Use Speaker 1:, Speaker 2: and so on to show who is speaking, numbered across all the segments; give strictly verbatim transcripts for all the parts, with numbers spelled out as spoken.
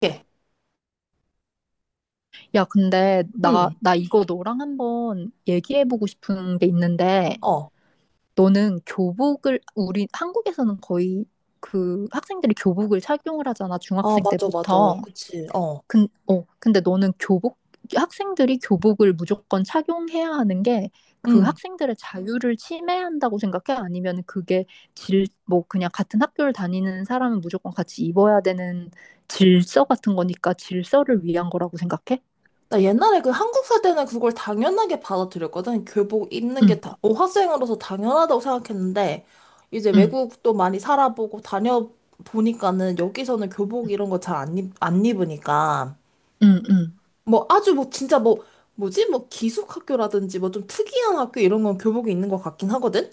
Speaker 1: 게.
Speaker 2: 야, 근데 나,
Speaker 1: 음,
Speaker 2: 나 이거 너랑 한번 얘기해보고 싶은 게 있는데,
Speaker 1: 어.
Speaker 2: 너는 교복을, 우리 한국에서는 거의 그 학생들이 교복을 착용을 하잖아,
Speaker 1: 아,
Speaker 2: 중학생
Speaker 1: 맞아, 맞아.
Speaker 2: 때부터.
Speaker 1: 그치, 어.
Speaker 2: 근, 어, 근데 너는 교복, 학생들이 교복을 무조건 착용해야 하는 게 그
Speaker 1: 음.
Speaker 2: 학생들의 자유를 침해한다고 생각해? 아니면 그게 질, 뭐 그냥 같은 학교를 다니는 사람은 무조건 같이 입어야 되는 질서 같은 거니까 질서를 위한 거라고 생각해?
Speaker 1: 나 옛날에 그 한국 살 때는 그걸 당연하게 받아들였거든. 교복 입는 게
Speaker 2: 응,
Speaker 1: 다, 어, 학생으로서 당연하다고 생각했는데, 이제
Speaker 2: 응.
Speaker 1: 외국도 많이 살아보고 다녀보니까는 여기서는 교복 이런 거 잘 안 입, 안 입으니까.
Speaker 2: 응, 응,
Speaker 1: 뭐 아주 뭐 진짜 뭐, 뭐지? 뭐 기숙학교라든지 뭐 좀 특이한 학교 이런 건 교복이 있는 것 같긴 하거든?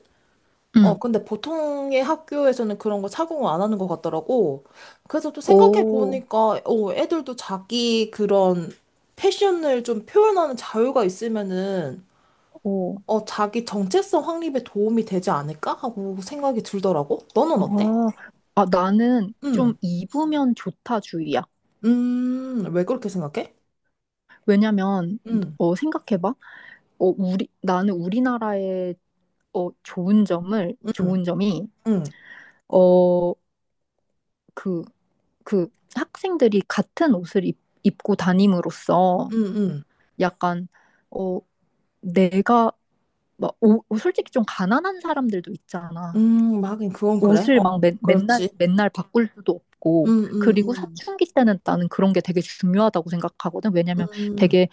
Speaker 1: 어,
Speaker 2: 응.
Speaker 1: 근데 보통의 학교에서는 그런 거 착용을 안 하는 것 같더라고. 그래서 또 생각해
Speaker 2: 오,
Speaker 1: 보니까, 어, 애들도 자기 그런 패션을 좀 표현하는 자유가 있으면은,
Speaker 2: 오,
Speaker 1: 어, 자기 정체성 확립에 도움이 되지 않을까 하고 생각이 들더라고.
Speaker 2: 아,
Speaker 1: 너는 어때?
Speaker 2: 아, 나는
Speaker 1: 응.
Speaker 2: 좀 입으면 좋다 주의야.
Speaker 1: 음, 왜 그렇게 생각해?
Speaker 2: 왜냐면,
Speaker 1: 응,
Speaker 2: 어, 생각해봐. 어, 우리, 나는 우리나라의, 어, 좋은 점을,
Speaker 1: 응,
Speaker 2: 좋은 점이,
Speaker 1: 응,
Speaker 2: 어, 그, 그 학생들이 같은 옷을 입, 입고 다님으로써
Speaker 1: 응, 응.
Speaker 2: 약간, 어, 내가, 막, 오, 솔직히 좀 가난한 사람들도 있잖아.
Speaker 1: 음, 하긴 그건 그래.
Speaker 2: 옷을
Speaker 1: 어,
Speaker 2: 막 매, 맨날
Speaker 1: 그렇지.
Speaker 2: 맨날 바꿀 수도 없고,
Speaker 1: 음, 음,
Speaker 2: 그리고
Speaker 1: 음,
Speaker 2: 사춘기 때는 나는 그런 게 되게 중요하다고 생각하거든. 왜냐면
Speaker 1: 음,
Speaker 2: 되게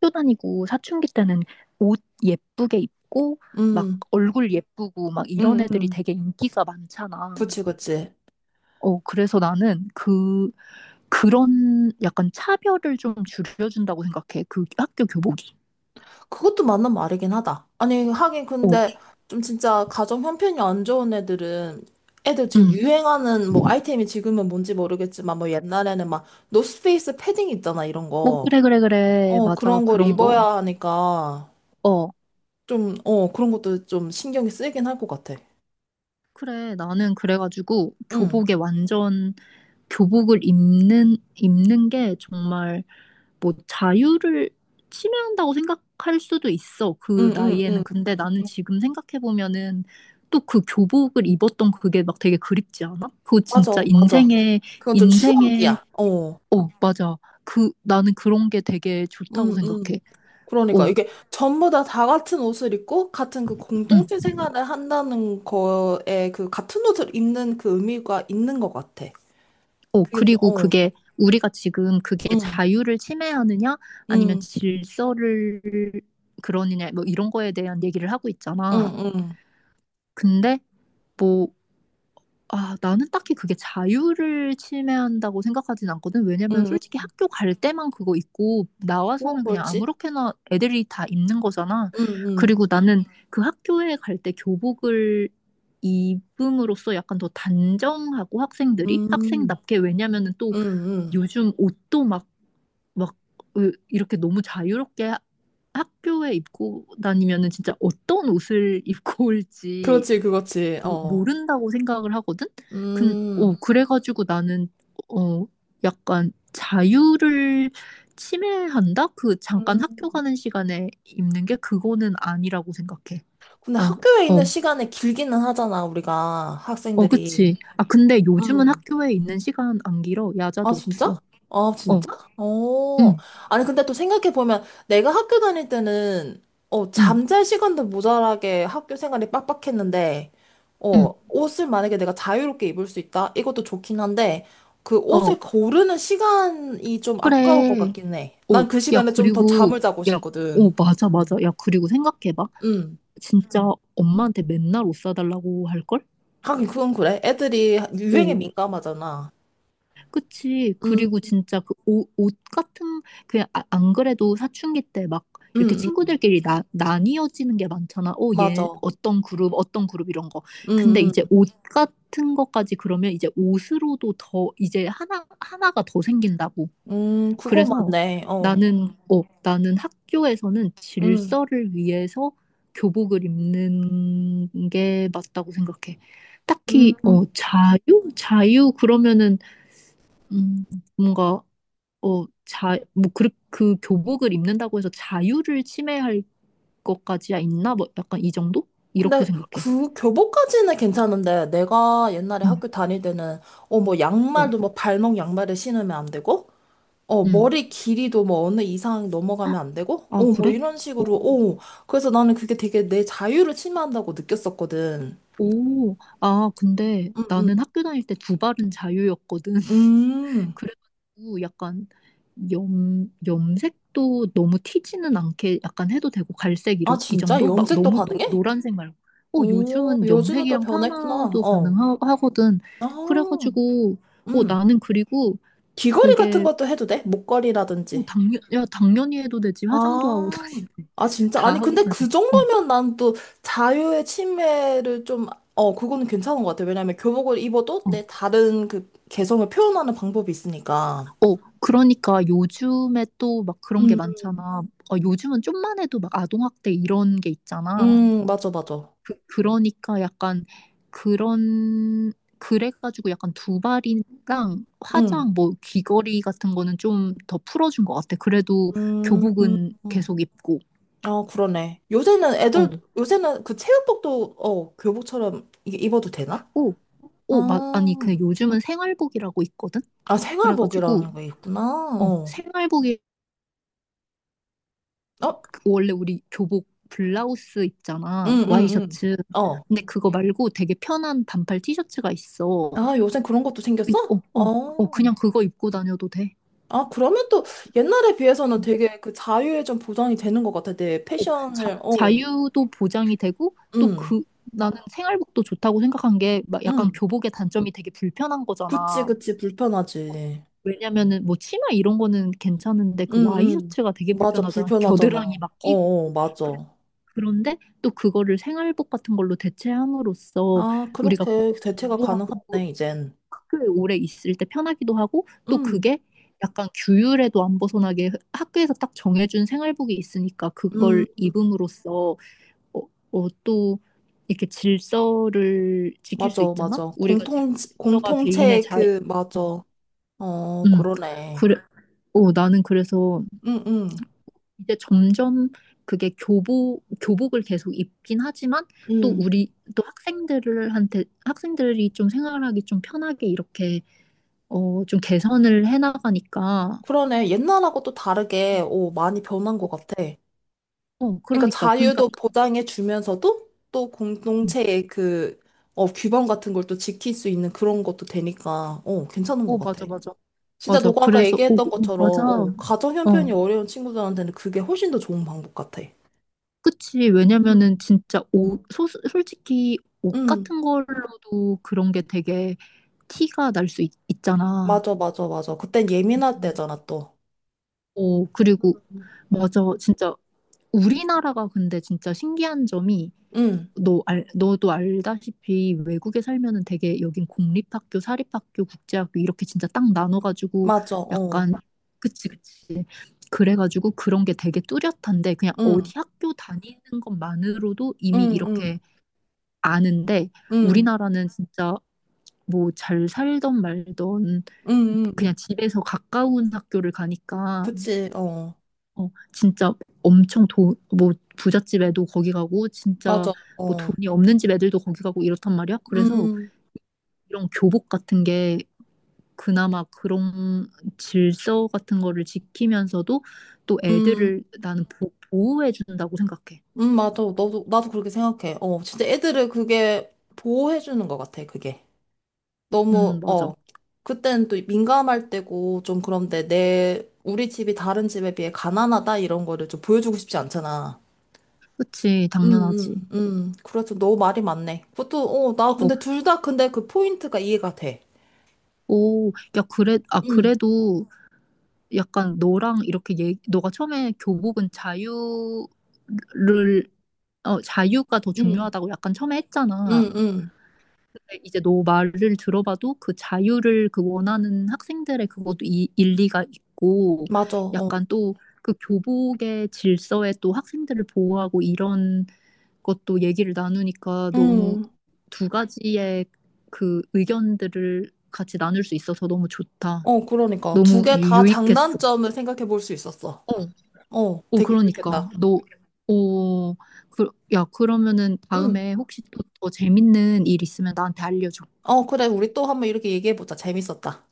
Speaker 2: 학교 다니고 사춘기 때는 옷 예쁘게 입고 막
Speaker 1: 음,
Speaker 2: 얼굴 예쁘고 막 이런
Speaker 1: 음,
Speaker 2: 애들이
Speaker 1: 음.
Speaker 2: 되게 인기가 많잖아.
Speaker 1: 그치, 그치.
Speaker 2: 어, 그래서 나는 그 그런 약간 차별을 좀 줄여준다고 생각해. 그 학교 교복이.
Speaker 1: 그것도 맞는 말이긴 하다. 아니, 하긴
Speaker 2: 어,
Speaker 1: 근데 좀 진짜 가정 형편이 안 좋은 애들은 애들 지금
Speaker 2: 응.
Speaker 1: 유행하는 뭐 아이템이 지금은 뭔지 모르겠지만 뭐 옛날에는 막 노스페이스 패딩 있잖아, 이런
Speaker 2: 어,
Speaker 1: 거.
Speaker 2: 그래, 그래, 그래.
Speaker 1: 어,
Speaker 2: 맞아.
Speaker 1: 그런 걸
Speaker 2: 그런 거.
Speaker 1: 입어야 하니까
Speaker 2: 어.
Speaker 1: 좀, 어, 그런 것도 좀 신경이 쓰이긴 할 것 같아.
Speaker 2: 그래, 나는 그래가지고
Speaker 1: 응,
Speaker 2: 교복에 완전 교복을 입는 입는 게 정말 뭐 자유를 침해한다고 생각할 수도 있어.
Speaker 1: 응,
Speaker 2: 그
Speaker 1: 응, 응.
Speaker 2: 나이에는. 근데 나는 지금 생각해 보면은 또 그 교복을 입었던 그게 막 되게 그립지 않아? 그거 진짜
Speaker 1: 맞아, 맞아.
Speaker 2: 인생의
Speaker 1: 그건 좀
Speaker 2: 인생의
Speaker 1: 추억이야. 어,
Speaker 2: 어, 맞아. 그 나는 그런 게 되게 좋다고
Speaker 1: 응, 응.
Speaker 2: 생각해.
Speaker 1: 그러니까
Speaker 2: 어,
Speaker 1: 이게 전부 다 다 같은 옷을 입고 같은 그
Speaker 2: 응.
Speaker 1: 공동체 생활을 한다는 거에 그 같은 옷을 입는 그 의미가 있는 것 같아.
Speaker 2: 어,
Speaker 1: 그게 좀,
Speaker 2: 그리고
Speaker 1: 어,
Speaker 2: 그게 우리가 지금 그게
Speaker 1: 응,
Speaker 2: 자유를 침해하느냐, 아니면
Speaker 1: 응,
Speaker 2: 질서를 그러느냐, 뭐 이런 거에 대한 얘기를 하고
Speaker 1: 응,
Speaker 2: 있잖아.
Speaker 1: 응, 응,
Speaker 2: 근데 뭐, 아, 나는 딱히 그게 자유를 침해한다고 생각하진 않거든. 왜냐면
Speaker 1: 응.
Speaker 2: 솔직히 학교 갈 때만 그거 입고
Speaker 1: 응. 어,
Speaker 2: 나와서는 그냥
Speaker 1: 그렇지?
Speaker 2: 아무렇게나 애들이 다 입는 거잖아.
Speaker 1: 응, 응,
Speaker 2: 그리고 나는 그 학교에 갈 때 교복을 입음으로써 약간 더 단정하고 학생들이
Speaker 1: 응,
Speaker 2: 학생답게, 왜냐면은 또
Speaker 1: 응, 응.
Speaker 2: 요즘 옷도 막, 막, 으, 이렇게 너무 자유롭게 하- 학교에 입고 다니면은 진짜 어떤 옷을 입고 올지
Speaker 1: 그렇지, 그렇지,
Speaker 2: 모,
Speaker 1: 어.
Speaker 2: 모른다고 생각을 하거든? 근,
Speaker 1: 음,
Speaker 2: 어, 그래가지고 나는, 어, 약간 자유를 침해한다? 그 잠깐 학교
Speaker 1: 음.
Speaker 2: 가는 시간에 입는 게 그거는 아니라고 생각해.
Speaker 1: 근데
Speaker 2: 난,
Speaker 1: 학교에 있는
Speaker 2: 어,
Speaker 1: 시간이 길기는 하잖아, 우리가,
Speaker 2: 어,
Speaker 1: 학생들이.
Speaker 2: 그치. 아, 근데 요즘은
Speaker 1: 음.
Speaker 2: 학교에 있는 시간 안 길어.
Speaker 1: 아,
Speaker 2: 야자도
Speaker 1: 진짜?
Speaker 2: 없어.
Speaker 1: 아,
Speaker 2: 어,
Speaker 1: 진짜? 어.
Speaker 2: 응,
Speaker 1: 아니, 근데 또 생각해보면 내가 학교 다닐 때는, 어,
Speaker 2: 응,
Speaker 1: 잠잘 시간도 모자라게 학교 생활이 빡빡했는데, 어,
Speaker 2: 응.
Speaker 1: 옷을 만약에 내가 자유롭게 입을 수 있다? 이것도 좋긴 한데, 그
Speaker 2: 어.
Speaker 1: 옷을 고르는 시간이 좀 아까울 것
Speaker 2: 그래.
Speaker 1: 같긴 해.
Speaker 2: 어,
Speaker 1: 난 그
Speaker 2: 야,
Speaker 1: 시간에 좀 더 잠을
Speaker 2: 그리고,
Speaker 1: 자고
Speaker 2: 야, 어,
Speaker 1: 싶거든.
Speaker 2: 맞아, 맞아. 야, 그리고 생각해봐.
Speaker 1: 음.
Speaker 2: 진짜 엄마한테 맨날 옷 사달라고 할걸?
Speaker 1: 하긴 그건 그래. 애들이 유행에
Speaker 2: 어,
Speaker 1: 민감하잖아.
Speaker 2: 그치.
Speaker 1: 음,
Speaker 2: 그리고 진짜 그 옷, 옷 같은, 그냥 아- 안 그래도 사춘기 때 막 이렇게
Speaker 1: 음, 음.
Speaker 2: 친구들끼리 나, 나뉘어지는 게 많잖아. 어, 얘
Speaker 1: 맞아.
Speaker 2: 어떤 그룹, 어떤 그룹 이런 거. 근데
Speaker 1: 음,
Speaker 2: 이제 옷 같은 것까지 그러면 이제 옷으로도 더, 이제 하나, 하나가 더 생긴다고.
Speaker 1: 음. 음, 그거
Speaker 2: 그래서
Speaker 1: 맞네. 어.
Speaker 2: 나는, 어, 나는 학교에서는
Speaker 1: 음.
Speaker 2: 질서를 위해서 교복을 입는 게 맞다고 생각해. 딱히,
Speaker 1: 음,
Speaker 2: 어, 자유? 자유? 그러면은, 음, 뭔가, 어, 자, 뭐, 그, 그 교복을 입는다고 해서 자유를 침해할 것까지야 있나? 뭐, 약간 이 정도? 이렇게
Speaker 1: 근데
Speaker 2: 생각해.
Speaker 1: 그 교복까지는 괜찮은데 내가 옛날에
Speaker 2: 응,
Speaker 1: 학교 다닐 때는 어 뭐
Speaker 2: 어,
Speaker 1: 양말도 뭐 발목 양말을 신으면 안 되고 어
Speaker 2: 응.
Speaker 1: 머리 길이도 뭐 어느 이상 넘어가면 안 되고 어
Speaker 2: 아,
Speaker 1: 뭐
Speaker 2: 그래?
Speaker 1: 이런 식으로 어 그래서 나는 그게 되게 내 자유를 침해한다고 느꼈었거든.
Speaker 2: 오, 아, 근데
Speaker 1: 음,
Speaker 2: 나는
Speaker 1: 음.
Speaker 2: 학교 다닐 때 두 발은 자유였거든.
Speaker 1: 음.
Speaker 2: 그래가지고 약간 염, 염색도 너무 튀지는 않게 약간 해도 되고 갈색
Speaker 1: 아
Speaker 2: 이런 이
Speaker 1: 진짜
Speaker 2: 정도? 막
Speaker 1: 염색도
Speaker 2: 너무 노,
Speaker 1: 가능해?
Speaker 2: 노란색 말고. 어,
Speaker 1: 오
Speaker 2: 요즘은
Speaker 1: 요즘은 또
Speaker 2: 염색이랑
Speaker 1: 변했구나.
Speaker 2: 파마도
Speaker 1: 어.
Speaker 2: 가능하거든.
Speaker 1: 아,
Speaker 2: 그래가지고 어,
Speaker 1: 음.
Speaker 2: 나는 그리고
Speaker 1: 귀걸이 같은
Speaker 2: 그게
Speaker 1: 것도 해도 돼?
Speaker 2: 어,
Speaker 1: 목걸이라든지.
Speaker 2: 당연, 야, 당연히 해도 되지. 화장도 하고
Speaker 1: 아,
Speaker 2: 다니네.
Speaker 1: 아, 진짜?
Speaker 2: 다
Speaker 1: 아니,
Speaker 2: 하고
Speaker 1: 근데
Speaker 2: 다니.
Speaker 1: 그
Speaker 2: 어,
Speaker 1: 정도면 난 또 자유의 침해를 좀, 어, 그거는 괜찮은 것 같아. 왜냐면 교복을 입어도
Speaker 2: 어.
Speaker 1: 내 다른 그 개성을 표현하는 방법이 있으니까.
Speaker 2: 어, 그러니까 요즘에 또 막 그런 게
Speaker 1: 음,
Speaker 2: 많잖아. 어, 요즘은 좀만 해도 막 아동학대 이런 게 있잖아.
Speaker 1: 음, 맞아, 맞아.
Speaker 2: 그, 그러니까 약간 그런, 그래가지고 약간 두발이랑
Speaker 1: 음,
Speaker 2: 화장, 뭐 귀걸이 같은 거는 좀 더 풀어준 것 같아. 그래도
Speaker 1: 음, 음.
Speaker 2: 교복은
Speaker 1: 음.
Speaker 2: 계속 입고.
Speaker 1: 아, 그러네. 요새는 애들,
Speaker 2: 어,
Speaker 1: 요새는 그 체육복도, 어, 교복처럼 이게 입어도 되나?
Speaker 2: 어, 어, 막, 아니,
Speaker 1: 아,
Speaker 2: 그 요즘은 생활복이라고 있거든?
Speaker 1: 아,
Speaker 2: 그래가지고,
Speaker 1: 생활복이라는 게 있구나.
Speaker 2: 어,
Speaker 1: 어,
Speaker 2: 생활복
Speaker 1: 어,
Speaker 2: 원래 우리 교복 블라우스
Speaker 1: 응,
Speaker 2: 있잖아.
Speaker 1: 응, 응.
Speaker 2: 와이셔츠.
Speaker 1: 어.
Speaker 2: 근데 그거 말고 되게 편한 반팔 티셔츠가 있어.
Speaker 1: 아, 요새 그런 것도
Speaker 2: 그-
Speaker 1: 생겼어?
Speaker 2: 어, 어, 어,
Speaker 1: 어.
Speaker 2: 그냥 그거 입고 다녀도 돼.
Speaker 1: 아, 그러면 또 옛날에 비해서는
Speaker 2: 음.
Speaker 1: 되게 그 자유에 좀 보장이 되는 것 같아. 내
Speaker 2: 어, 자,
Speaker 1: 패션을, 어,
Speaker 2: 자유도 보장이 되고 또
Speaker 1: 응,
Speaker 2: 그, 나는 생활복도 좋다고 생각한 게 막 약간
Speaker 1: 응.
Speaker 2: 교복의 단점이 되게 불편한
Speaker 1: 그치,
Speaker 2: 거잖아.
Speaker 1: 그치,
Speaker 2: 어,
Speaker 1: 불편하지.
Speaker 2: 왜냐면은 뭐 치마 이런 거는 괜찮은데
Speaker 1: 응,
Speaker 2: 그
Speaker 1: 응.
Speaker 2: 와이셔츠가 되게
Speaker 1: 맞아,
Speaker 2: 불편하잖아.
Speaker 1: 불편하잖아. 어,
Speaker 2: 겨드랑이 막 끼고.
Speaker 1: 어, 맞아.
Speaker 2: 그런데 또 그거를 생활복 같은 걸로 대체함으로써
Speaker 1: 아,
Speaker 2: 우리가
Speaker 1: 그렇게 대체가
Speaker 2: 공부하고
Speaker 1: 가능하네, 이젠.
Speaker 2: 학교에 오래 있을 때 편하기도 하고, 또
Speaker 1: 응,
Speaker 2: 그게 약간 규율에도 안 벗어나게 학교에서 딱 정해준 생활복이 있으니까
Speaker 1: 응,
Speaker 2: 그걸 입음으로써 어, 어, 또 이렇게 질서를 지킬 수
Speaker 1: 맞아,
Speaker 2: 있잖아?
Speaker 1: 맞아.
Speaker 2: 우리가 지금
Speaker 1: 공통,
Speaker 2: 질서가 개인의
Speaker 1: 공통체의
Speaker 2: 자유.
Speaker 1: 그, 맞아. 어,
Speaker 2: 음,
Speaker 1: 그러네.
Speaker 2: 그래. 어, 나는 그래서
Speaker 1: 응, 응,
Speaker 2: 이제 점점 그게 교복, 교복을 계속 입긴 하지만 또
Speaker 1: 응.
Speaker 2: 우리, 또 학생들한테, 학생들이 좀 생활하기 좀 편하게 이렇게, 어, 좀 개선을 해나가니까,
Speaker 1: 그러네. 옛날하고 또 다르게, 오, 많이 변한 것
Speaker 2: 어,
Speaker 1: 같아.
Speaker 2: 어,
Speaker 1: 그러니까
Speaker 2: 그러니까, 그러니까,
Speaker 1: 자유도 보장해 주면서도 또 공동체의 그 어, 규범 같은 걸 또 지킬 수 있는 그런 것도 되니까 어, 괜찮은 것
Speaker 2: 어,
Speaker 1: 같아.
Speaker 2: 맞아, 맞아,
Speaker 1: 진짜
Speaker 2: 맞아.
Speaker 1: 너가 아까
Speaker 2: 그래서, 어,
Speaker 1: 얘기했던
Speaker 2: 그- 어,
Speaker 1: 것처럼
Speaker 2: 맞아.
Speaker 1: 어, 가정 형편이
Speaker 2: 어,
Speaker 1: 어려운 친구들한테는 그게 훨씬 더 좋은 방법 같아.
Speaker 2: 그치.
Speaker 1: 음,
Speaker 2: 왜냐면은 진짜 옷, 소, 솔직히 옷
Speaker 1: 응,
Speaker 2: 같은 걸로도 그런 게 되게 티가 날 수 있잖아.
Speaker 1: 맞아, 맞아, 맞아. 그땐
Speaker 2: 어,
Speaker 1: 예민할 때잖아, 또.
Speaker 2: 어, 그리고
Speaker 1: 음.
Speaker 2: 맞아. 진짜 우리나라가 근데 진짜 신기한 점이
Speaker 1: 응,
Speaker 2: 너 알, 너도 알다시피 외국에 살면은 되게 여긴 공립학교, 사립학교, 국제학교 이렇게 진짜 딱 나눠가지고
Speaker 1: 맞아, 어.
Speaker 2: 약간 그치, 그치, 그래가지고 그런 게 되게 뚜렷한데, 그냥
Speaker 1: 응,
Speaker 2: 어디 학교 다니는 것만으로도
Speaker 1: 응,
Speaker 2: 이미
Speaker 1: 응,
Speaker 2: 이렇게 아는데,
Speaker 1: 응,
Speaker 2: 우리나라는 진짜 뭐 잘 살던 말던
Speaker 1: 응,
Speaker 2: 그냥
Speaker 1: 응.
Speaker 2: 집에서 가까운 학교를 가니까,
Speaker 1: 그치, 어.
Speaker 2: 어, 진짜 엄청 돈, 뭐 부잣집 애도 거기 가고 진짜
Speaker 1: 맞아,
Speaker 2: 뭐
Speaker 1: 어.
Speaker 2: 돈이 없는 집 애들도 거기 가고 이렇단 말이야. 그래서
Speaker 1: 음,
Speaker 2: 이런 교복 같은 게 그나마 그런 질서 같은 거를 지키면서도 또
Speaker 1: 음.
Speaker 2: 애들을 나는 보, 호해준다고 생각해.
Speaker 1: 음, 맞아. 너도, 나도 그렇게 생각해. 어, 진짜 애들을 그게 보호해주는 것 같아, 그게.
Speaker 2: 음,
Speaker 1: 너무,
Speaker 2: 맞아.
Speaker 1: 어. 그때는 또 민감할 때고, 좀 그런데 내, 우리 집이 다른 집에 비해 가난하다, 이런 거를 좀 보여주고 싶지 않잖아.
Speaker 2: 그치,
Speaker 1: 응,
Speaker 2: 당연하지.
Speaker 1: 응, 응. 그래서 너 말이 맞네. 그것도, 어, 나
Speaker 2: 어,
Speaker 1: 근데 둘 다 근데 그 포인트가 이해가 돼.
Speaker 2: 오, 야, 그래, 아,
Speaker 1: 응,
Speaker 2: 그래도 약간 너랑 이렇게 얘기, 너가 처음에 교복은 자유를 어, 자유가 더
Speaker 1: 응,
Speaker 2: 중요하다고 약간 처음에 했잖아.
Speaker 1: 응, 응.
Speaker 2: 이제 너 말을 들어봐도 그 자유를 그 원하는 학생들의 그것도 이, 일리가 있고
Speaker 1: 맞아, 어.
Speaker 2: 약간 또 그 교복의 질서에 또 학생들을 보호하고 이런 것도 얘기를 나누니까 너무
Speaker 1: 응.
Speaker 2: 두 가지의 그 의견들을 같이 나눌 수 있어서 너무 좋다.
Speaker 1: 어, 그러니까. 두
Speaker 2: 너무 응,
Speaker 1: 개
Speaker 2: 유-
Speaker 1: 다
Speaker 2: 유익했어.
Speaker 1: 장단점을 생각해 볼 수 있었어. 어,
Speaker 2: 오,
Speaker 1: 되게
Speaker 2: 그러니까
Speaker 1: 유익했다.
Speaker 2: 너 오, 그, 야, 그러면은
Speaker 1: 응.
Speaker 2: 다음에 혹시 또 더 재밌는 일 있으면 나한테 알려줘.
Speaker 1: 어, 그래. 우리 또 한번 이렇게 얘기해보자. 재밌었다.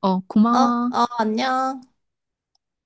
Speaker 2: 어,
Speaker 1: 어,
Speaker 2: 고마워.
Speaker 1: 어, 안녕.